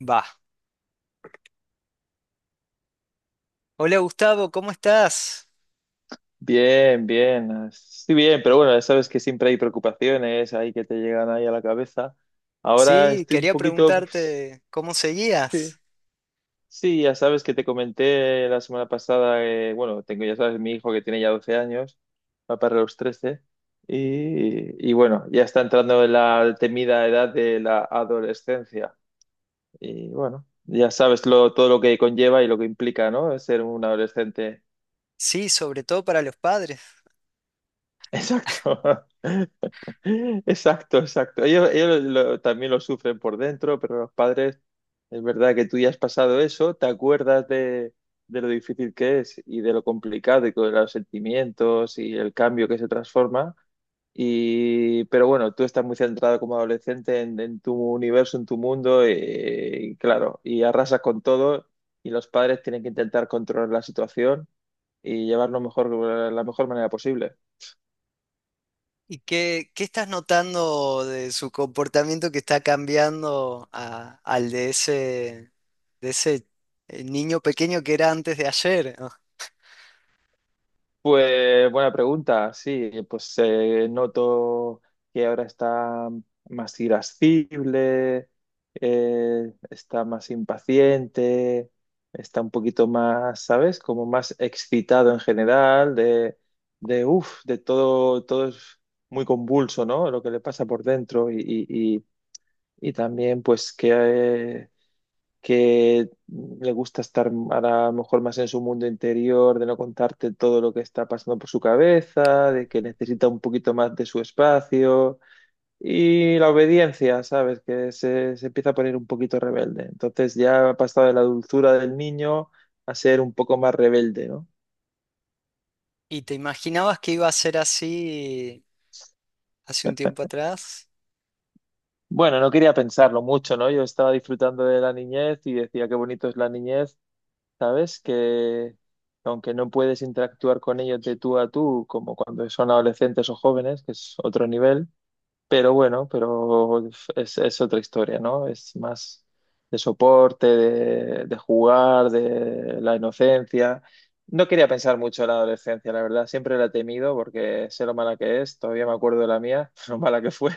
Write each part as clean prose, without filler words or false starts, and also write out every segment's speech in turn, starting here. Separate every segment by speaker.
Speaker 1: Va. Hola, Gustavo, ¿cómo estás?
Speaker 2: Bien, bien, estoy bien, pero bueno, ya sabes que siempre hay preocupaciones ahí que te llegan ahí a la cabeza. Ahora
Speaker 1: Sí,
Speaker 2: estoy un
Speaker 1: quería
Speaker 2: poquito, pues,
Speaker 1: preguntarte cómo
Speaker 2: sí,
Speaker 1: seguías.
Speaker 2: sí, ya sabes que te comenté la semana pasada, bueno, tengo, ya sabes, mi hijo que tiene ya 12 años, va para los 13 y bueno, ya está entrando en la temida edad de la adolescencia. Y bueno, ya sabes todo lo que conlleva y lo que implica, ¿no? Ser un adolescente.
Speaker 1: Sí, sobre todo para los padres.
Speaker 2: Exacto. Exacto, exacto. Ellos también lo sufren por dentro, pero los padres, es verdad que tú ya has pasado eso, te acuerdas de lo difícil que es y de lo complicado y con los sentimientos y el cambio que se transforma. Y, pero bueno, tú estás muy centrado como adolescente en tu universo, en tu mundo, y claro, y arrasas con todo y los padres tienen que intentar controlar la situación y llevarlo mejor, la mejor manera posible.
Speaker 1: ¿Y qué estás notando de su comportamiento que está cambiando al de ese niño pequeño que era antes de ayer, ¿no?
Speaker 2: Pues buena pregunta, sí, pues noto que ahora está más irascible, está más impaciente, está un poquito más, ¿sabes? Como más excitado en general, de uff, de todo, todo es muy convulso, ¿no? Lo que le pasa por dentro y- y también pues que le gusta estar ahora a lo mejor más en su mundo interior, de no contarte todo lo que está pasando por su cabeza, de que necesita un poquito más de su espacio y la obediencia, ¿sabes? Que se empieza a poner un poquito rebelde. Entonces ya ha pasado de la dulzura del niño a ser un poco más rebelde, ¿no?
Speaker 1: ¿Y te imaginabas que iba a ser así hace un tiempo atrás?
Speaker 2: Bueno, no quería pensarlo mucho, ¿no? Yo estaba disfrutando de la niñez y decía qué bonito es la niñez, ¿sabes? Que aunque no puedes interactuar con ellos de tú a tú, como cuando son adolescentes o jóvenes, que es otro nivel, pero bueno, pero es otra historia, ¿no? Es más de soporte, de jugar, de la inocencia. No quería pensar mucho en la adolescencia, la verdad, siempre la he temido porque sé lo mala que es, todavía me acuerdo de la mía, lo mala que fue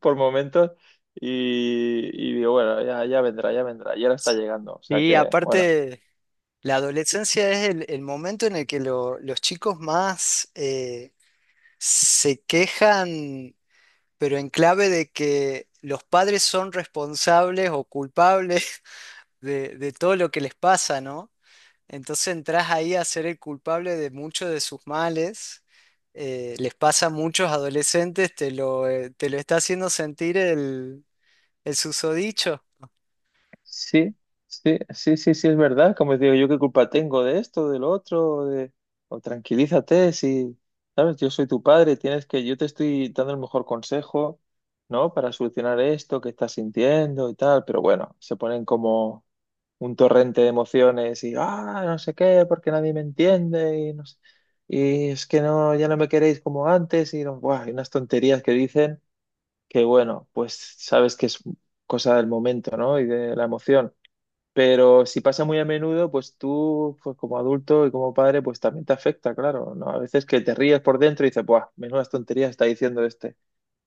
Speaker 2: por momentos, y digo, bueno, ya, ya vendrá, y ahora está llegando, o sea
Speaker 1: Y
Speaker 2: que, bueno.
Speaker 1: aparte, la adolescencia es el momento en el que los chicos más... se quejan, pero en clave de que los padres son responsables o culpables de todo lo que les pasa, ¿no? Entonces entras ahí a ser el culpable de muchos de sus males. Les pasa a muchos adolescentes, te lo está haciendo sentir el susodicho.
Speaker 2: Sí, sí, sí, sí, sí, es verdad. Como digo, yo qué culpa tengo de esto, del otro, de... o tranquilízate, si, sabes, yo soy tu padre, tienes que, yo te estoy dando el mejor consejo, ¿no? Para solucionar esto que estás sintiendo y tal, pero bueno, se ponen como un torrente de emociones y, ah, no sé qué, porque nadie me entiende y no y es que no, ya no me queréis como antes buah, hay unas tonterías que dicen que, bueno, pues sabes que es cosa del momento, ¿no? Y de la emoción. Pero si pasa muy a menudo, pues tú, pues como adulto y como padre, pues también te afecta, claro, ¿no? A veces que te ríes por dentro y dices, ¡buah! Menudas tonterías está diciendo este.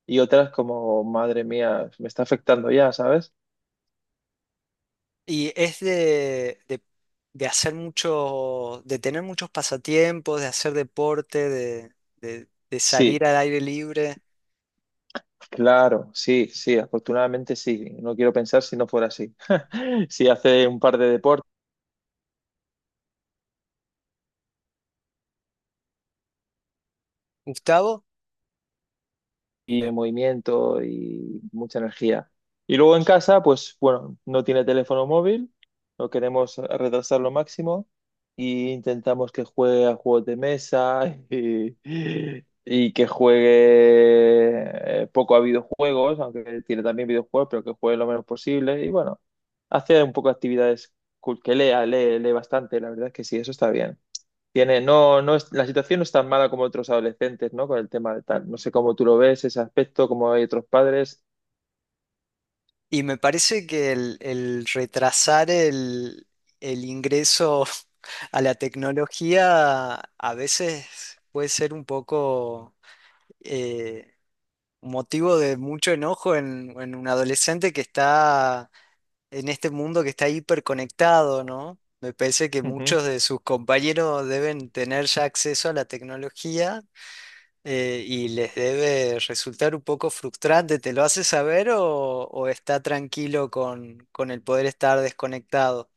Speaker 2: Y otras como, madre mía, me está afectando ya, ¿sabes?
Speaker 1: Y es de hacer mucho, de tener muchos pasatiempos, de hacer deporte, de
Speaker 2: Sí,
Speaker 1: salir al aire libre.
Speaker 2: claro, sí, sí, afortunadamente sí. No quiero pensar si no fuera así. Si hace un par de deportes
Speaker 1: Gustavo.
Speaker 2: y el movimiento y mucha energía. Y luego en casa, pues bueno, no tiene teléfono móvil, lo queremos retrasar lo máximo y intentamos que juegue a juegos de mesa y que juegue poco a videojuegos, aunque tiene también videojuegos, pero que juegue lo menos posible. Y bueno, hace un poco de actividades cool, que lea, lee, lee bastante, la verdad es que sí, eso está bien. Tiene, no, no es, la situación no es tan mala como otros adolescentes, ¿no? Con el tema de tal. No sé cómo tú lo ves, ese aspecto, cómo hay otros padres.
Speaker 1: Y me parece que el retrasar el ingreso a la tecnología a veces puede ser un poco eh, motivo de mucho enojo en un adolescente que está en este mundo que está hiperconectado, ¿no? Me parece que
Speaker 2: Ujú.
Speaker 1: muchos de sus compañeros deben tener ya acceso a la tecnología, y les debe resultar un poco frustrante. ¿Te lo hace saber o está tranquilo con el poder estar desconectado?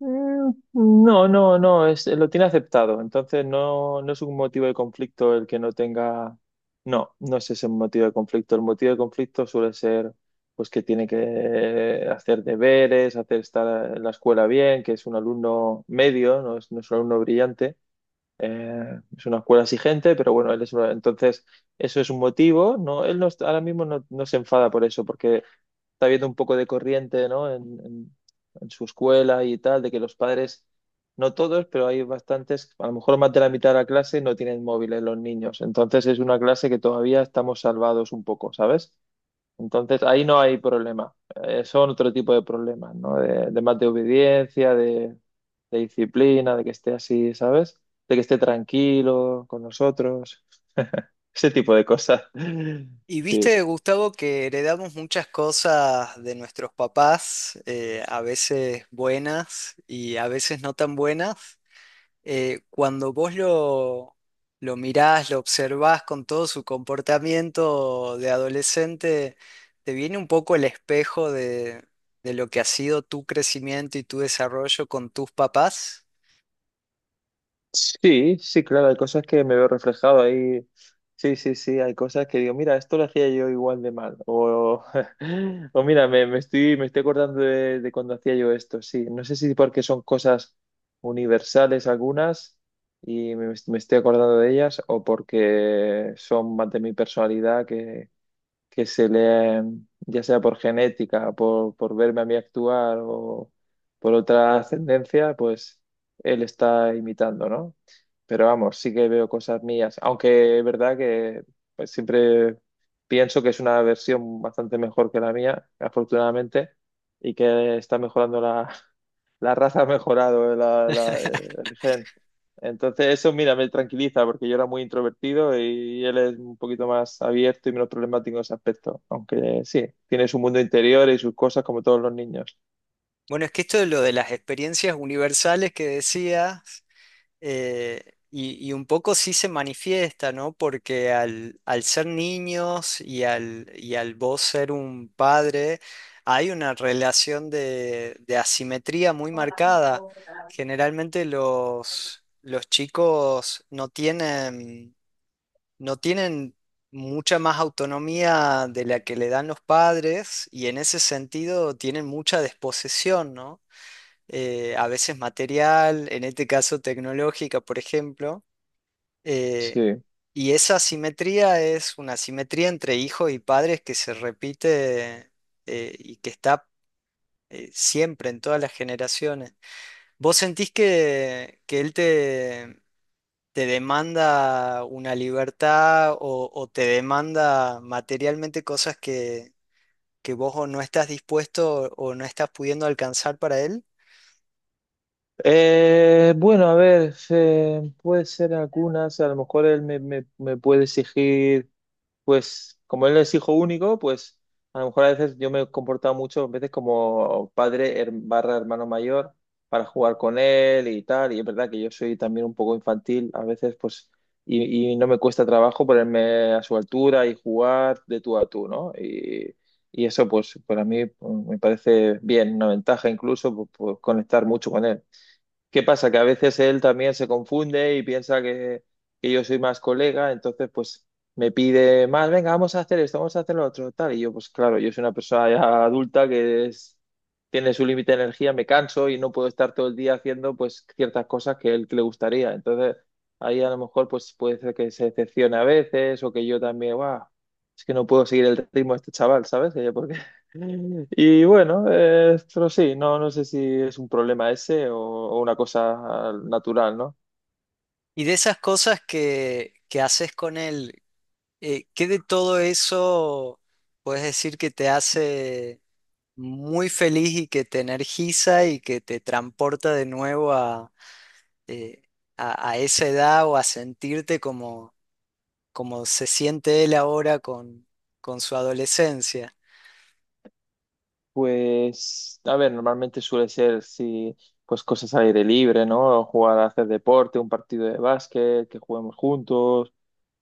Speaker 2: Mm, no, no, no, es, lo tiene aceptado. Entonces no, no es un motivo de conflicto el que no tenga. No, no es ese motivo de conflicto. El motivo de conflicto suele ser pues que tiene que hacer deberes, hacer estar en la escuela bien, que es un alumno medio, no es, no es un alumno brillante. Es una escuela exigente, pero bueno, él es entonces eso es un motivo, ¿no? Él no, ahora mismo no, no se enfada por eso, porque está habiendo un poco de corriente, ¿no? En su escuela y tal, de que los padres, no todos, pero hay bastantes, a lo mejor más de la mitad de la clase no tienen móviles los niños. Entonces es una clase que todavía estamos salvados un poco, ¿sabes? Entonces ahí no hay problema. Son otro tipo de problemas, ¿no? De más de obediencia, de disciplina, de que esté así, ¿sabes? De que esté tranquilo con nosotros, ese tipo de cosas.
Speaker 1: Y
Speaker 2: Sí.
Speaker 1: viste, Gustavo, que heredamos muchas cosas de nuestros papás, a veces buenas y a veces no tan buenas. Cuando vos lo mirás, lo observás con todo su comportamiento de adolescente, te viene un poco el espejo de lo que ha sido tu crecimiento y tu desarrollo con tus papás.
Speaker 2: Sí, sí, claro, hay cosas que me veo reflejado ahí. Sí, sí, sí, hay cosas que digo, mira, esto lo hacía yo igual de mal. O, o mira, me estoy acordando de cuando hacía yo esto. Sí, no sé si porque son cosas universales algunas y me estoy acordando de ellas o porque son más de mi personalidad que se le, ya sea por genética, por verme a mí actuar o por otra ascendencia, pues él está imitando, ¿no? Pero vamos, sí que veo cosas mías, aunque es verdad que pues, siempre pienso que es una versión bastante mejor que la mía, afortunadamente, y que está mejorando la, la raza, ha mejorado el gen. Entonces eso, mira, me tranquiliza porque yo era muy introvertido y él es un poquito más abierto y menos problemático en ese aspecto. Aunque sí, tiene su mundo interior y sus cosas como todos los niños.
Speaker 1: Bueno, es que esto de lo de las experiencias universales que decías, eh, y un poco sí se manifiesta, ¿no? Porque al, al ser niños y al vos ser un padre, hay una relación de asimetría muy marcada. Generalmente los chicos no tienen, no tienen mucha más autonomía de la que le dan los padres, y en ese sentido tienen mucha desposesión, ¿no? A veces material, en este caso tecnológica, por ejemplo. Eh,
Speaker 2: Sí.
Speaker 1: y esa asimetría es una asimetría entre hijos y padres que se repite, y que está siempre en todas las generaciones. ¿Vos sentís que él te demanda una libertad o te demanda materialmente cosas que vos o no estás dispuesto o no estás pudiendo alcanzar para él?
Speaker 2: Bueno, a ver, puede ser algunas, a lo mejor él me puede exigir. Pues como él es hijo único, pues a lo mejor a veces yo me he comportado muchas veces como padre barra hermano mayor para jugar con él y tal, y es verdad que yo soy también un poco infantil a veces, pues, y no me cuesta trabajo ponerme a su altura y jugar de tú a tú, ¿no? Y eso, pues, para mí pues, me parece bien, una ventaja incluso, pues, pues, conectar mucho con él. ¿Qué pasa? Que a veces él también se confunde y piensa que yo soy más colega, entonces pues me pide más, venga, vamos a hacer esto, vamos a hacer lo otro, tal. Y yo, pues claro, yo soy una persona ya adulta que tiene su límite de energía, me canso y no puedo estar todo el día haciendo pues ciertas cosas que él que le gustaría. Entonces ahí a lo mejor pues puede ser que se decepcione a veces o que yo también, guau, es que no puedo seguir el ritmo de este chaval, ¿sabes? Y bueno, pero sí, no, no sé si es un problema ese o una cosa natural, ¿no?
Speaker 1: Y de esas cosas que haces con él, ¿qué de todo eso puedes decir que te hace muy feliz y que te energiza y que te transporta de nuevo eh, a esa edad o a sentirte como, como se siente él ahora con su adolescencia?
Speaker 2: Pues, a ver, normalmente suele ser si, pues cosas al aire libre, ¿no? Jugar a hacer deporte, un partido de básquet, que juguemos juntos,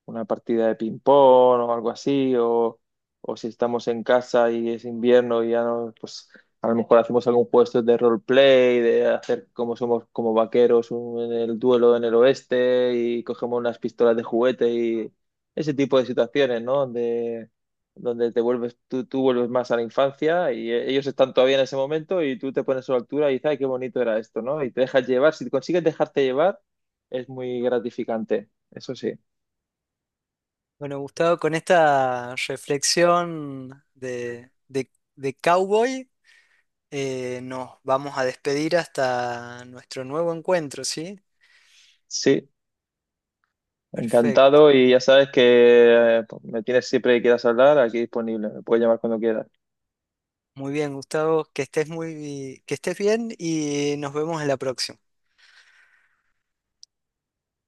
Speaker 2: una partida de ping-pong o algo así, o si estamos en casa y es invierno y ya no, pues a lo mejor hacemos algún juego de estos de roleplay, de hacer como somos como vaqueros en el duelo en el oeste y cogemos unas pistolas de juguete y ese tipo de situaciones, ¿no? Donde, donde te vuelves, tú vuelves más a la infancia y ellos están todavía en ese momento y tú te pones a su altura y dices, ay, qué bonito era esto, ¿no? Y te dejas llevar, si consigues dejarte llevar, es muy gratificante, eso sí.
Speaker 1: Bueno, Gustavo, con esta reflexión de cowboy, nos vamos a despedir hasta nuestro nuevo encuentro, ¿sí?
Speaker 2: Sí,
Speaker 1: Perfecto.
Speaker 2: encantado y ya sabes que pues, me tienes siempre que quieras hablar, aquí disponible, me puedes llamar cuando quieras.
Speaker 1: Muy bien, Gustavo, que estés muy, que estés bien y nos vemos en la próxima.